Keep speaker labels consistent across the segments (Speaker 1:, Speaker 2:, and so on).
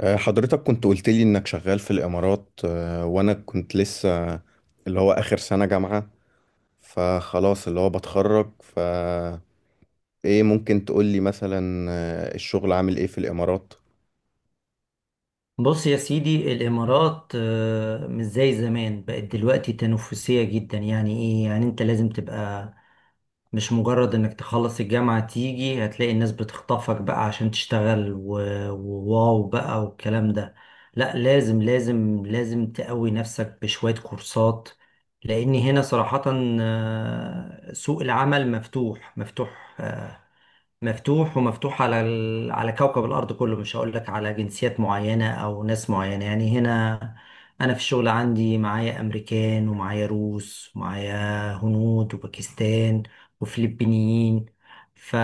Speaker 1: حضرتك كنت قلت لي انك شغال في الامارات، وانا كنت لسه اللي هو اخر سنة جامعة، فخلاص اللي هو بتخرج ايه، ممكن تقول لي مثلا الشغل عامل ايه في الامارات؟
Speaker 2: بص يا سيدي، الإمارات مش زي زمان، بقت دلوقتي تنافسية جدا. يعني إيه؟ يعني أنت لازم تبقى مش مجرد إنك تخلص الجامعة تيجي هتلاقي الناس بتخطفك بقى عشان تشتغل وواو بقى والكلام ده. لا لازم لازم لازم تقوي نفسك بشوية كورسات، لأن هنا صراحة سوق العمل مفتوح مفتوح. مفتوح ومفتوح على على كوكب الأرض كله. مش هقول لك على جنسيات معينة أو ناس معينة، يعني هنا أنا في الشغل عندي معايا أمريكان ومعايا روس ومعايا هنود وباكستان وفلبينيين ف...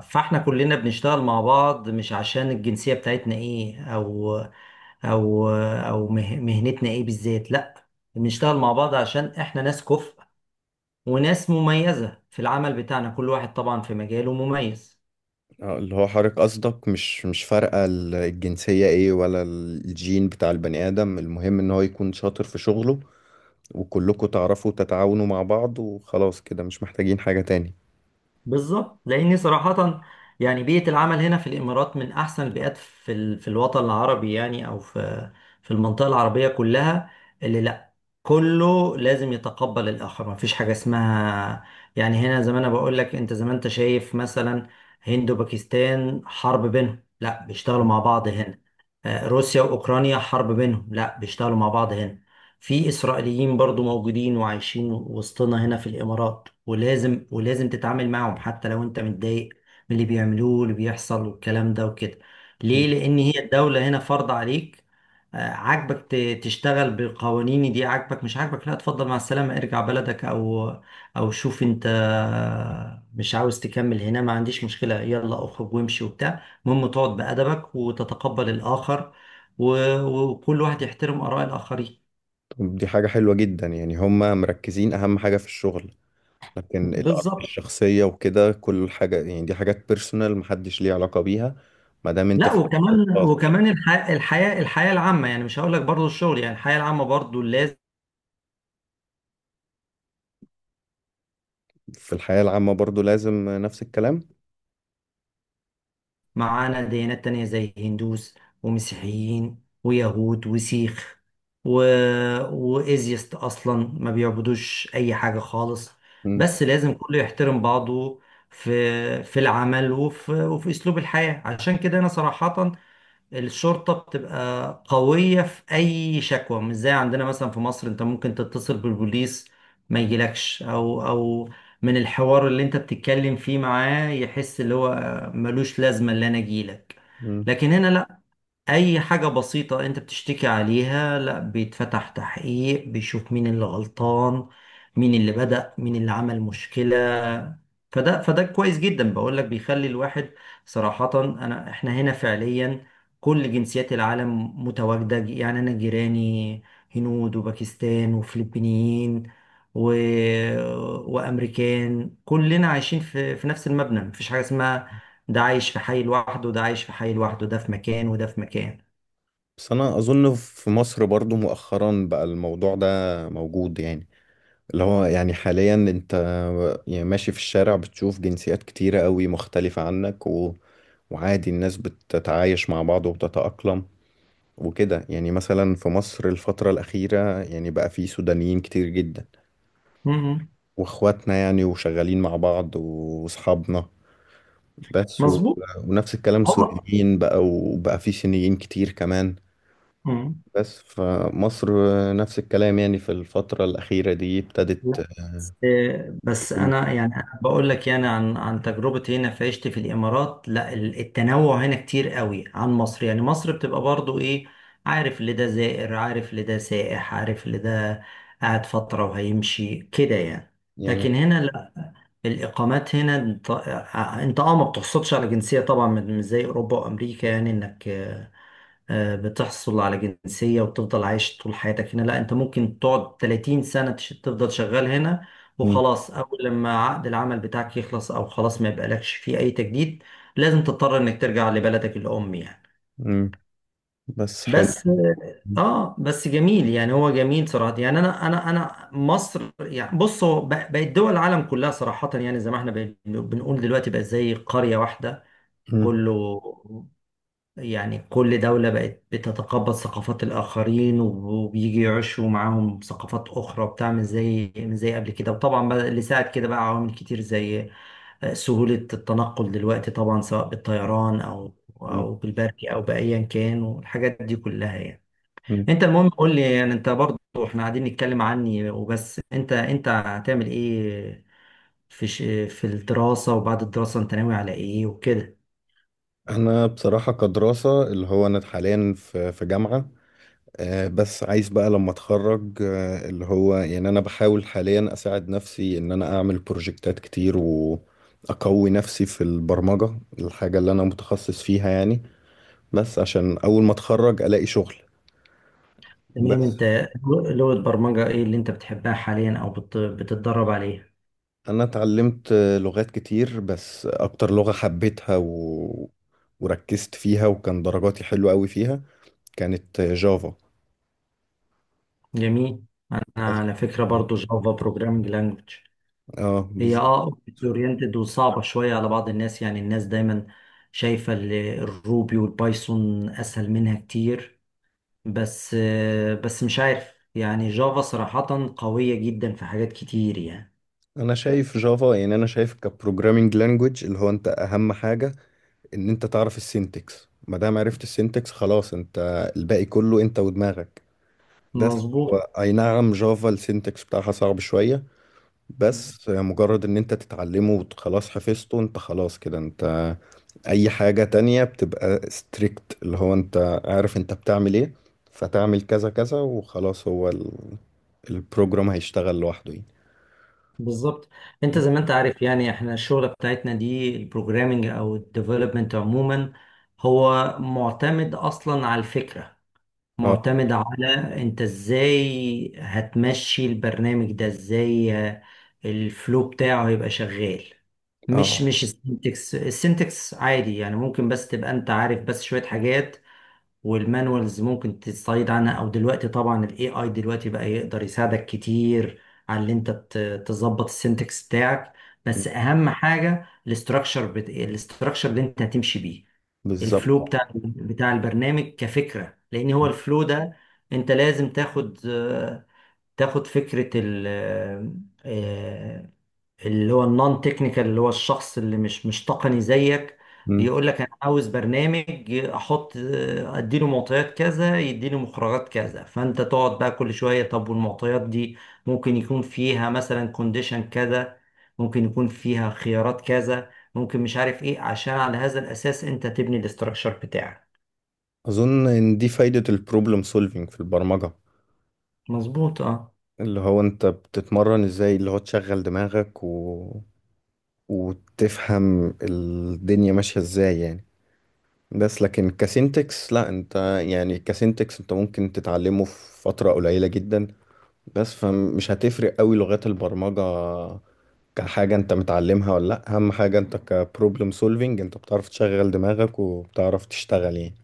Speaker 2: فاحنا كلنا بنشتغل مع بعض، مش عشان الجنسية بتاعتنا ايه، أو مهنتنا ايه بالذات. لأ، بنشتغل مع بعض عشان احنا ناس كفء وناس مميزة في العمل بتاعنا، كل واحد طبعا في مجاله مميز.
Speaker 1: اللي هو حضرتك قصدك مش فارقة الجنسية ايه ولا الجين بتاع البني ادم، المهم ان هو يكون شاطر في شغله، وكلكم تعرفوا تتعاونوا مع بعض، وخلاص كده مش محتاجين حاجة تاني.
Speaker 2: بالظبط، لاني صراحه يعني بيئه العمل هنا في الامارات من احسن البيئات في الوطن العربي، يعني او في المنطقه العربيه كلها. اللي لا كله لازم يتقبل الاخر، ما فيش حاجه اسمها. يعني هنا زي ما انا بقول لك، انت زي ما انت شايف مثلا، هند وباكستان حرب بينهم، لا بيشتغلوا مع بعض هنا. روسيا واوكرانيا حرب بينهم، لا بيشتغلوا مع بعض هنا. في إسرائيليين برضو موجودين وعايشين وسطنا هنا في الإمارات، ولازم تتعامل معهم حتى لو أنت متضايق من اللي بيعملوه واللي بيحصل والكلام ده وكده. ليه؟ لأن هي الدولة هنا فرض عليك. عاجبك تشتغل بقوانين دي، عاجبك مش عاجبك، لا اتفضل مع السلامة، ارجع بلدك أو شوف أنت مش عاوز تكمل هنا، ما عنديش مشكلة، يلا اخرج وامشي وبتاع. المهم تقعد بأدبك وتتقبل الآخر، و- وكل واحد يحترم آراء الآخرين.
Speaker 1: طب دي حاجة حلوة جدا، يعني هما مركزين أهم حاجة في الشغل، لكن الآراء
Speaker 2: بالظبط.
Speaker 1: الشخصية وكده كل حاجة يعني دي حاجات بيرسونال محدش ليه علاقة بيها ما دام انت
Speaker 2: لا
Speaker 1: في الشغل
Speaker 2: وكمان
Speaker 1: الخاص.
Speaker 2: وكمان الحياة العامة، يعني مش هقول لك برضه الشغل، يعني الحياة العامة برضه لازم.
Speaker 1: في الحياة العامة برضو لازم نفس الكلام.
Speaker 2: معانا ديانات تانية زي هندوس ومسيحيين ويهود وسيخ و... وإيزيست أصلا ما بيعبدوش أي حاجة خالص،
Speaker 1: مم.
Speaker 2: بس لازم كله يحترم بعضه في العمل وفي أسلوب الحياة. عشان كده أنا صراحة، الشرطة بتبقى قوية في أي شكوى، مش زي عندنا مثلا في مصر. أنت ممكن تتصل بالبوليس ما يجيلكش، أو من الحوار اللي أنت بتتكلم فيه معاه يحس اللي هو ملوش لازمة اللي أنا أجيلك.
Speaker 1: مم.
Speaker 2: لكن هنا لأ، اي حاجة بسيطة انت بتشتكي عليها، لا بيتفتح تحقيق، بيشوف مين اللي غلطان، مين اللي بدأ، مين اللي عمل مشكلة. فده كويس جدا، بقول لك بيخلي الواحد صراحة. انا احنا هنا فعليا كل جنسيات العالم متواجدة، يعني انا جيراني هنود وباكستان وفلبينيين و... وامريكان، كلنا عايشين في نفس المبنى. مفيش حاجة اسمها ده عايش في حي لوحده وده عايش في حي لوحده، ده في مكان وده في مكان.
Speaker 1: بس أنا أظن في مصر برضو مؤخرا بقى الموضوع ده موجود يعني، اللي هو يعني حاليا أنت يعني ماشي في الشارع بتشوف جنسيات كتيرة قوي مختلفة عنك، وعادي الناس بتتعايش مع بعض وبتتأقلم وكده، يعني مثلا في مصر الفترة الأخيرة يعني بقى في سودانيين كتير جدا،
Speaker 2: مم.
Speaker 1: واخواتنا يعني وشغالين مع بعض واصحابنا، بس
Speaker 2: مظبوط.
Speaker 1: ونفس الكلام
Speaker 2: هو.
Speaker 1: سوريين، بقى وبقى في صينيين كتير كمان،
Speaker 2: مم.
Speaker 1: بس فمصر نفس الكلام يعني في الفترة الأخيرة دي
Speaker 2: لا،
Speaker 1: ابتدت
Speaker 2: بس بس انا يعني بقول لك يعني عن تجربتي هنا في عيشتي في الامارات. لا التنوع هنا كتير قوي عن مصر، يعني مصر بتبقى برضو ايه، عارف اللي ده زائر، عارف اللي ده سائح، عارف اللي ده قاعد فترة وهيمشي كده يعني.
Speaker 1: يعني.
Speaker 2: لكن هنا لا، الاقامات هنا انت آه، آه، انت ما بتحصلش على جنسية طبعا، مش زي اوروبا وامريكا يعني، انك بتحصل على جنسية وتفضل عايش طول حياتك هنا. لا انت ممكن تقعد 30 سنة تفضل شغال هنا،
Speaker 1: م-
Speaker 2: وخلاص اول لما عقد العمل بتاعك يخلص او خلاص ما يبقالكش فيه اي تجديد، لازم تضطر انك ترجع لبلدك الام يعني.
Speaker 1: م- بس حلو.
Speaker 2: بس
Speaker 1: م-
Speaker 2: اه بس جميل يعني، هو جميل صراحة يعني. انا مصر يعني، بص هو بقت دول العالم كلها صراحة يعني، زي ما احنا بنقول دلوقتي بقت زي قرية واحدة كله. يعني كل دولة بقت بتتقبل ثقافات الآخرين وبيجي يعيشوا معاهم ثقافات أخرى وبتاع، مش زي قبل كده. وطبعا بقى اللي ساعد كده بقى عوامل كتير، زي سهولة التنقل دلوقتي طبعا، سواء بالطيران أو
Speaker 1: م-
Speaker 2: أو بالبري أو بأيا كان والحاجات دي كلها يعني.
Speaker 1: م-
Speaker 2: أنت المهم قول لي يعني، أنت برضه إحنا قاعدين نتكلم عني وبس. أنت هتعمل إيه في الدراسة وبعد الدراسة؟ أنت ناوي على إيه وكده؟
Speaker 1: أنا بصراحة كدراسة اللي هو أنا حاليا في جامعة، بس عايز بقى لما اتخرج، اللي هو يعني انا بحاول حاليا اساعد نفسي ان انا اعمل بروجكتات كتير واقوي نفسي في البرمجة، الحاجة اللي انا متخصص فيها يعني، بس عشان اول ما اتخرج الاقي شغل.
Speaker 2: تمام.
Speaker 1: بس
Speaker 2: انت لغة برمجة ايه اللي انت بتحبها حاليا او بتتدرب عليها؟
Speaker 1: انا اتعلمت لغات كتير، بس اكتر لغة حبيتها وركزت فيها وكان درجاتي حلوة قوي فيها، كانت جافا.
Speaker 2: جميل. انا
Speaker 1: بس
Speaker 2: على فكرة
Speaker 1: اه،
Speaker 2: برضو جافا بروجرامنج لانجوج. هي
Speaker 1: بالظبط.
Speaker 2: اوبجكت اورينتد وصعبة شوية على بعض الناس، يعني الناس دايما شايفة الروبي والبايثون اسهل منها كتير، بس مش عارف، يعني جافا صراحة قوية جدا في حاجات كتير يعني.
Speaker 1: انا شايف جافا، يعني انا شايف كبروجرامينج لانجويج اللي هو انت اهم حاجه ان انت تعرف السينتكس، ما دام عرفت السينتكس خلاص، انت الباقي كله انت ودماغك. بس هو
Speaker 2: مظبوط.
Speaker 1: اي نعم جافا السينتكس بتاعها صعب شويه، بس مجرد ان انت تتعلمه وخلاص حفظته انت، خلاص كده انت اي حاجه تانية بتبقى ستريكت، اللي هو انت عارف انت بتعمل ايه، فتعمل كذا كذا وخلاص، هو البروجرام هيشتغل لوحده يعني.
Speaker 2: بالظبط. انت زي ما انت عارف يعني احنا الشغله بتاعتنا دي البروجرامنج او الديفلوبمنت عموما، هو معتمد اصلا على الفكره،
Speaker 1: اه،
Speaker 2: معتمد على انت ازاي هتمشي البرنامج ده، ازاي الفلو بتاعه هيبقى شغال. مش
Speaker 1: اه،
Speaker 2: مش السنتكس، السنتكس عادي يعني، ممكن بس تبقى انت عارف بس شويه حاجات، والمانوالز ممكن تستعيد عنها، او دلوقتي طبعا الاي اي دلوقتي بقى يقدر يساعدك كتير على اللي انت تظبط السنتكس بتاعك. بس اهم حاجه الاستراكشر الاستراكشر اللي انت هتمشي بيه الفلو
Speaker 1: بالظبط.
Speaker 2: بتاع البرنامج كفكره، لان هو الفلو ده انت لازم تاخد فكره ال آه، اللي هو النون تكنيكال، اللي هو الشخص اللي مش تقني زيك،
Speaker 1: مم.
Speaker 2: يقول لك انا عاوز برنامج احط، اديله معطيات كذا يديني مخرجات كذا، فانت تقعد بقى كل شويه طب والمعطيات دي ممكن يكون فيها مثلا كونديشن كذا، ممكن يكون فيها خيارات كذا، ممكن مش عارف ايه، عشان على هذا الاساس انت تبني الاستراكشر بتاعك.
Speaker 1: أظن إن دي فايدة البروبلم سولفينج في البرمجة،
Speaker 2: مظبوط اه.
Speaker 1: اللي هو أنت بتتمرن إزاي، اللي هو تشغل دماغك وتفهم الدنيا ماشية إزاي يعني. بس لكن كسينتكس لا، أنت يعني كسينتكس أنت ممكن تتعلمه في فترة قليلة جدا، بس فمش هتفرق قوي لغات البرمجة كحاجة أنت متعلمها ولا لأ، أهم حاجة أنت كبروبلم سولفينج أنت بتعرف تشغل دماغك وبتعرف تشتغل يعني.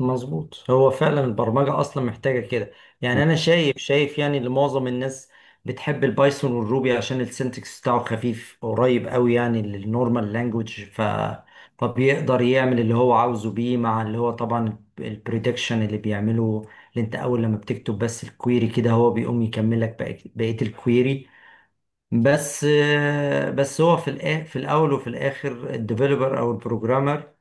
Speaker 2: مظبوط، هو فعلا البرمجة أصلا محتاجة كده يعني. أنا شايف شايف يعني اللي معظم الناس بتحب البايثون والروبي عشان السنتكس بتاعه خفيف قريب قوي يعني للنورمال لانجوج، فبيقدر يعمل اللي هو عاوزه بيه، مع اللي هو طبعا البريدكشن اللي بيعمله، اللي انت اول لما بتكتب بس الكويري كده هو بيقوم يكملك بقية الكويري. بس بس هو في الاول وفي الاخر الديفلوبر او البروجرامر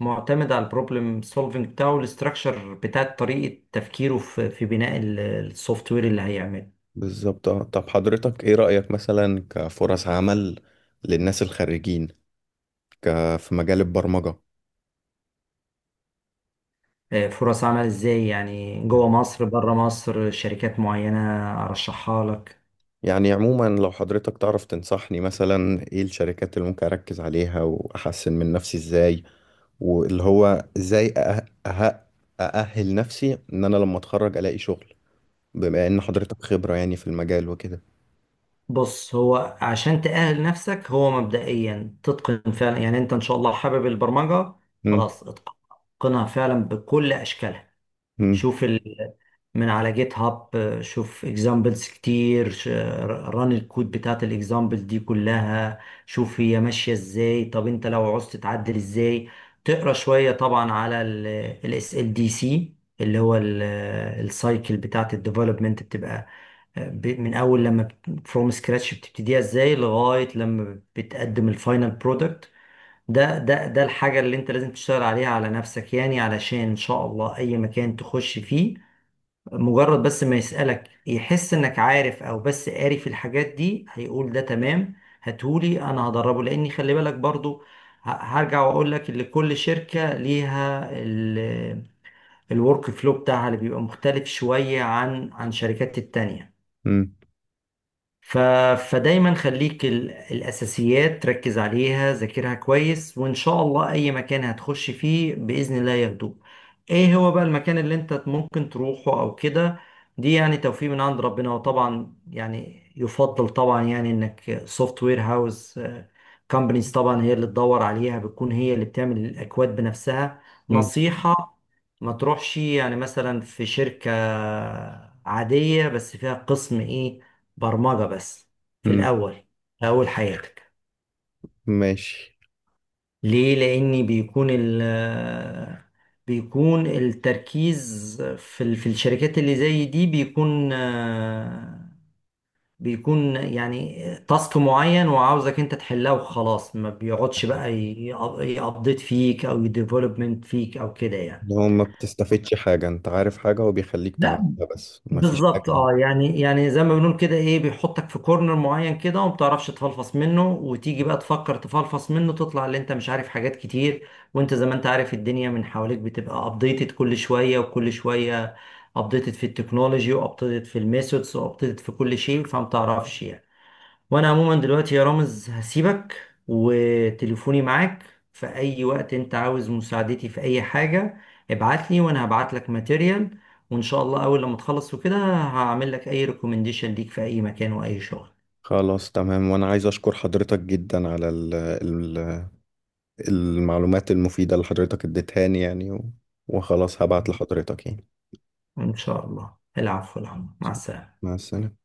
Speaker 2: معتمد على البروبلم سولفنج بتاعه والاستراكشر بتاع طريقة تفكيره في بناء السوفت وير اللي هيعمله.
Speaker 1: بالظبط. طب حضرتك ايه رأيك مثلا كفرص عمل للناس الخريجين، ك... في مجال البرمجة؟
Speaker 2: فرص عمل ازاي؟ يعني جوه
Speaker 1: مم.
Speaker 2: مصر بره مصر شركات معينة ارشحها لك؟
Speaker 1: يعني عموما لو حضرتك تعرف تنصحني مثلا ايه الشركات اللي ممكن اركز عليها واحسن من نفسي ازاي، واللي هو ازاي أأهل نفسي ان انا لما اتخرج الاقي شغل، بما ان حضرتك خبرة يعني في المجال وكده.
Speaker 2: بص، هو عشان تأهل نفسك، هو مبدئيا تتقن فعلا، يعني انت ان شاء الله حابب البرمجة،
Speaker 1: مم،
Speaker 2: خلاص اتقنها فعلا بكل اشكالها.
Speaker 1: مم،
Speaker 2: شوف من على جيت هاب، شوف اكزامبلز كتير، ران الكود بتاعت الاكزامبل دي كلها، شوف هي ماشية ازاي، طب انت لو عوزت تعدل ازاي، تقرا شوية طبعا على الاس ال دي سي، اللي هو السايكل بتاعت الديفلوبمنت بتبقى من اول لما فروم سكراتش بتبتديها ازاي لغاية لما بتقدم الفاينل برودكت. ده الحاجة اللي انت لازم تشتغل عليها على نفسك، يعني علشان ان شاء الله اي مكان تخش فيه، مجرد بس ما يسألك يحس انك عارف او بس قاري في الحاجات دي، هيقول ده تمام هاتهولي انا هدربه. لاني خلي بالك برضو، هرجع واقول لك ان كل شركة ليها الورك فلو بتاعها اللي بيبقى مختلف شوية عن شركات التانية.
Speaker 1: مم،
Speaker 2: ف... فدايما خليك، الأساسيات ركز عليها، ذاكرها كويس، وإن شاء الله أي مكان هتخش فيه بإذن الله ياخدوه. إيه هو بقى المكان اللي أنت ممكن تروحه أو كده؟ دي يعني توفيق من عند ربنا. وطبعا يعني يفضل طبعا يعني إنك سوفت وير هاوس كومبانيز طبعا هي اللي تدور عليها، بتكون هي اللي بتعمل الأكواد بنفسها.
Speaker 1: مم،
Speaker 2: نصيحة، ما تروحش يعني مثلا في شركة عادية بس فيها قسم ايه، برمجة بس، في
Speaker 1: مم.
Speaker 2: الأول في أول حياتك.
Speaker 1: ماشي.
Speaker 2: ليه؟ لأن بيكون ال آه، بيكون التركيز في الشركات اللي زي دي، بيكون بيكون يعني تاسك معين وعاوزك انت تحلها وخلاص، ما بيقعدش بقى يابديت فيك او يديفلوبمنت فيك او كده يعني.
Speaker 1: لو ما بتستفدش حاجة، انت عارف حاجة وبيخليك تعملها
Speaker 2: لا،
Speaker 1: بس ما فيش حاجة.
Speaker 2: بالظبط اه، يعني يعني زي ما بنقول كده ايه، بيحطك في كورنر معين كده، وما بتعرفش تفلفص منه، وتيجي بقى تفكر تفلفص منه تطلع اللي انت مش عارف حاجات كتير. وانت زي ما انت عارف الدنيا من حواليك بتبقى ابديتد كل شوية وكل شوية، ابديتد في التكنولوجي وابديتد في الميثودز وابديتد في كل شيء، فما بتعرفش يعني. وانا عموما دلوقتي يا رامز هسيبك، وتليفوني معاك في اي وقت انت عاوز مساعدتي في اي حاجة ابعتلي، وانا هبعت لك ماتيريال. وان شاء الله اول لما تخلص وكده هعمل لك اي ريكومنديشن ليك في اي مكان واي شغل.
Speaker 1: خلاص تمام، وانا عايز اشكر حضرتك جدا على المعلومات المفيدة اللي حضرتك اديتهاني يعني، وخلاص هبعت لحضرتك يعني.
Speaker 2: ان شاء الله، العفو العفو، مع السلامة.
Speaker 1: مع السلامة.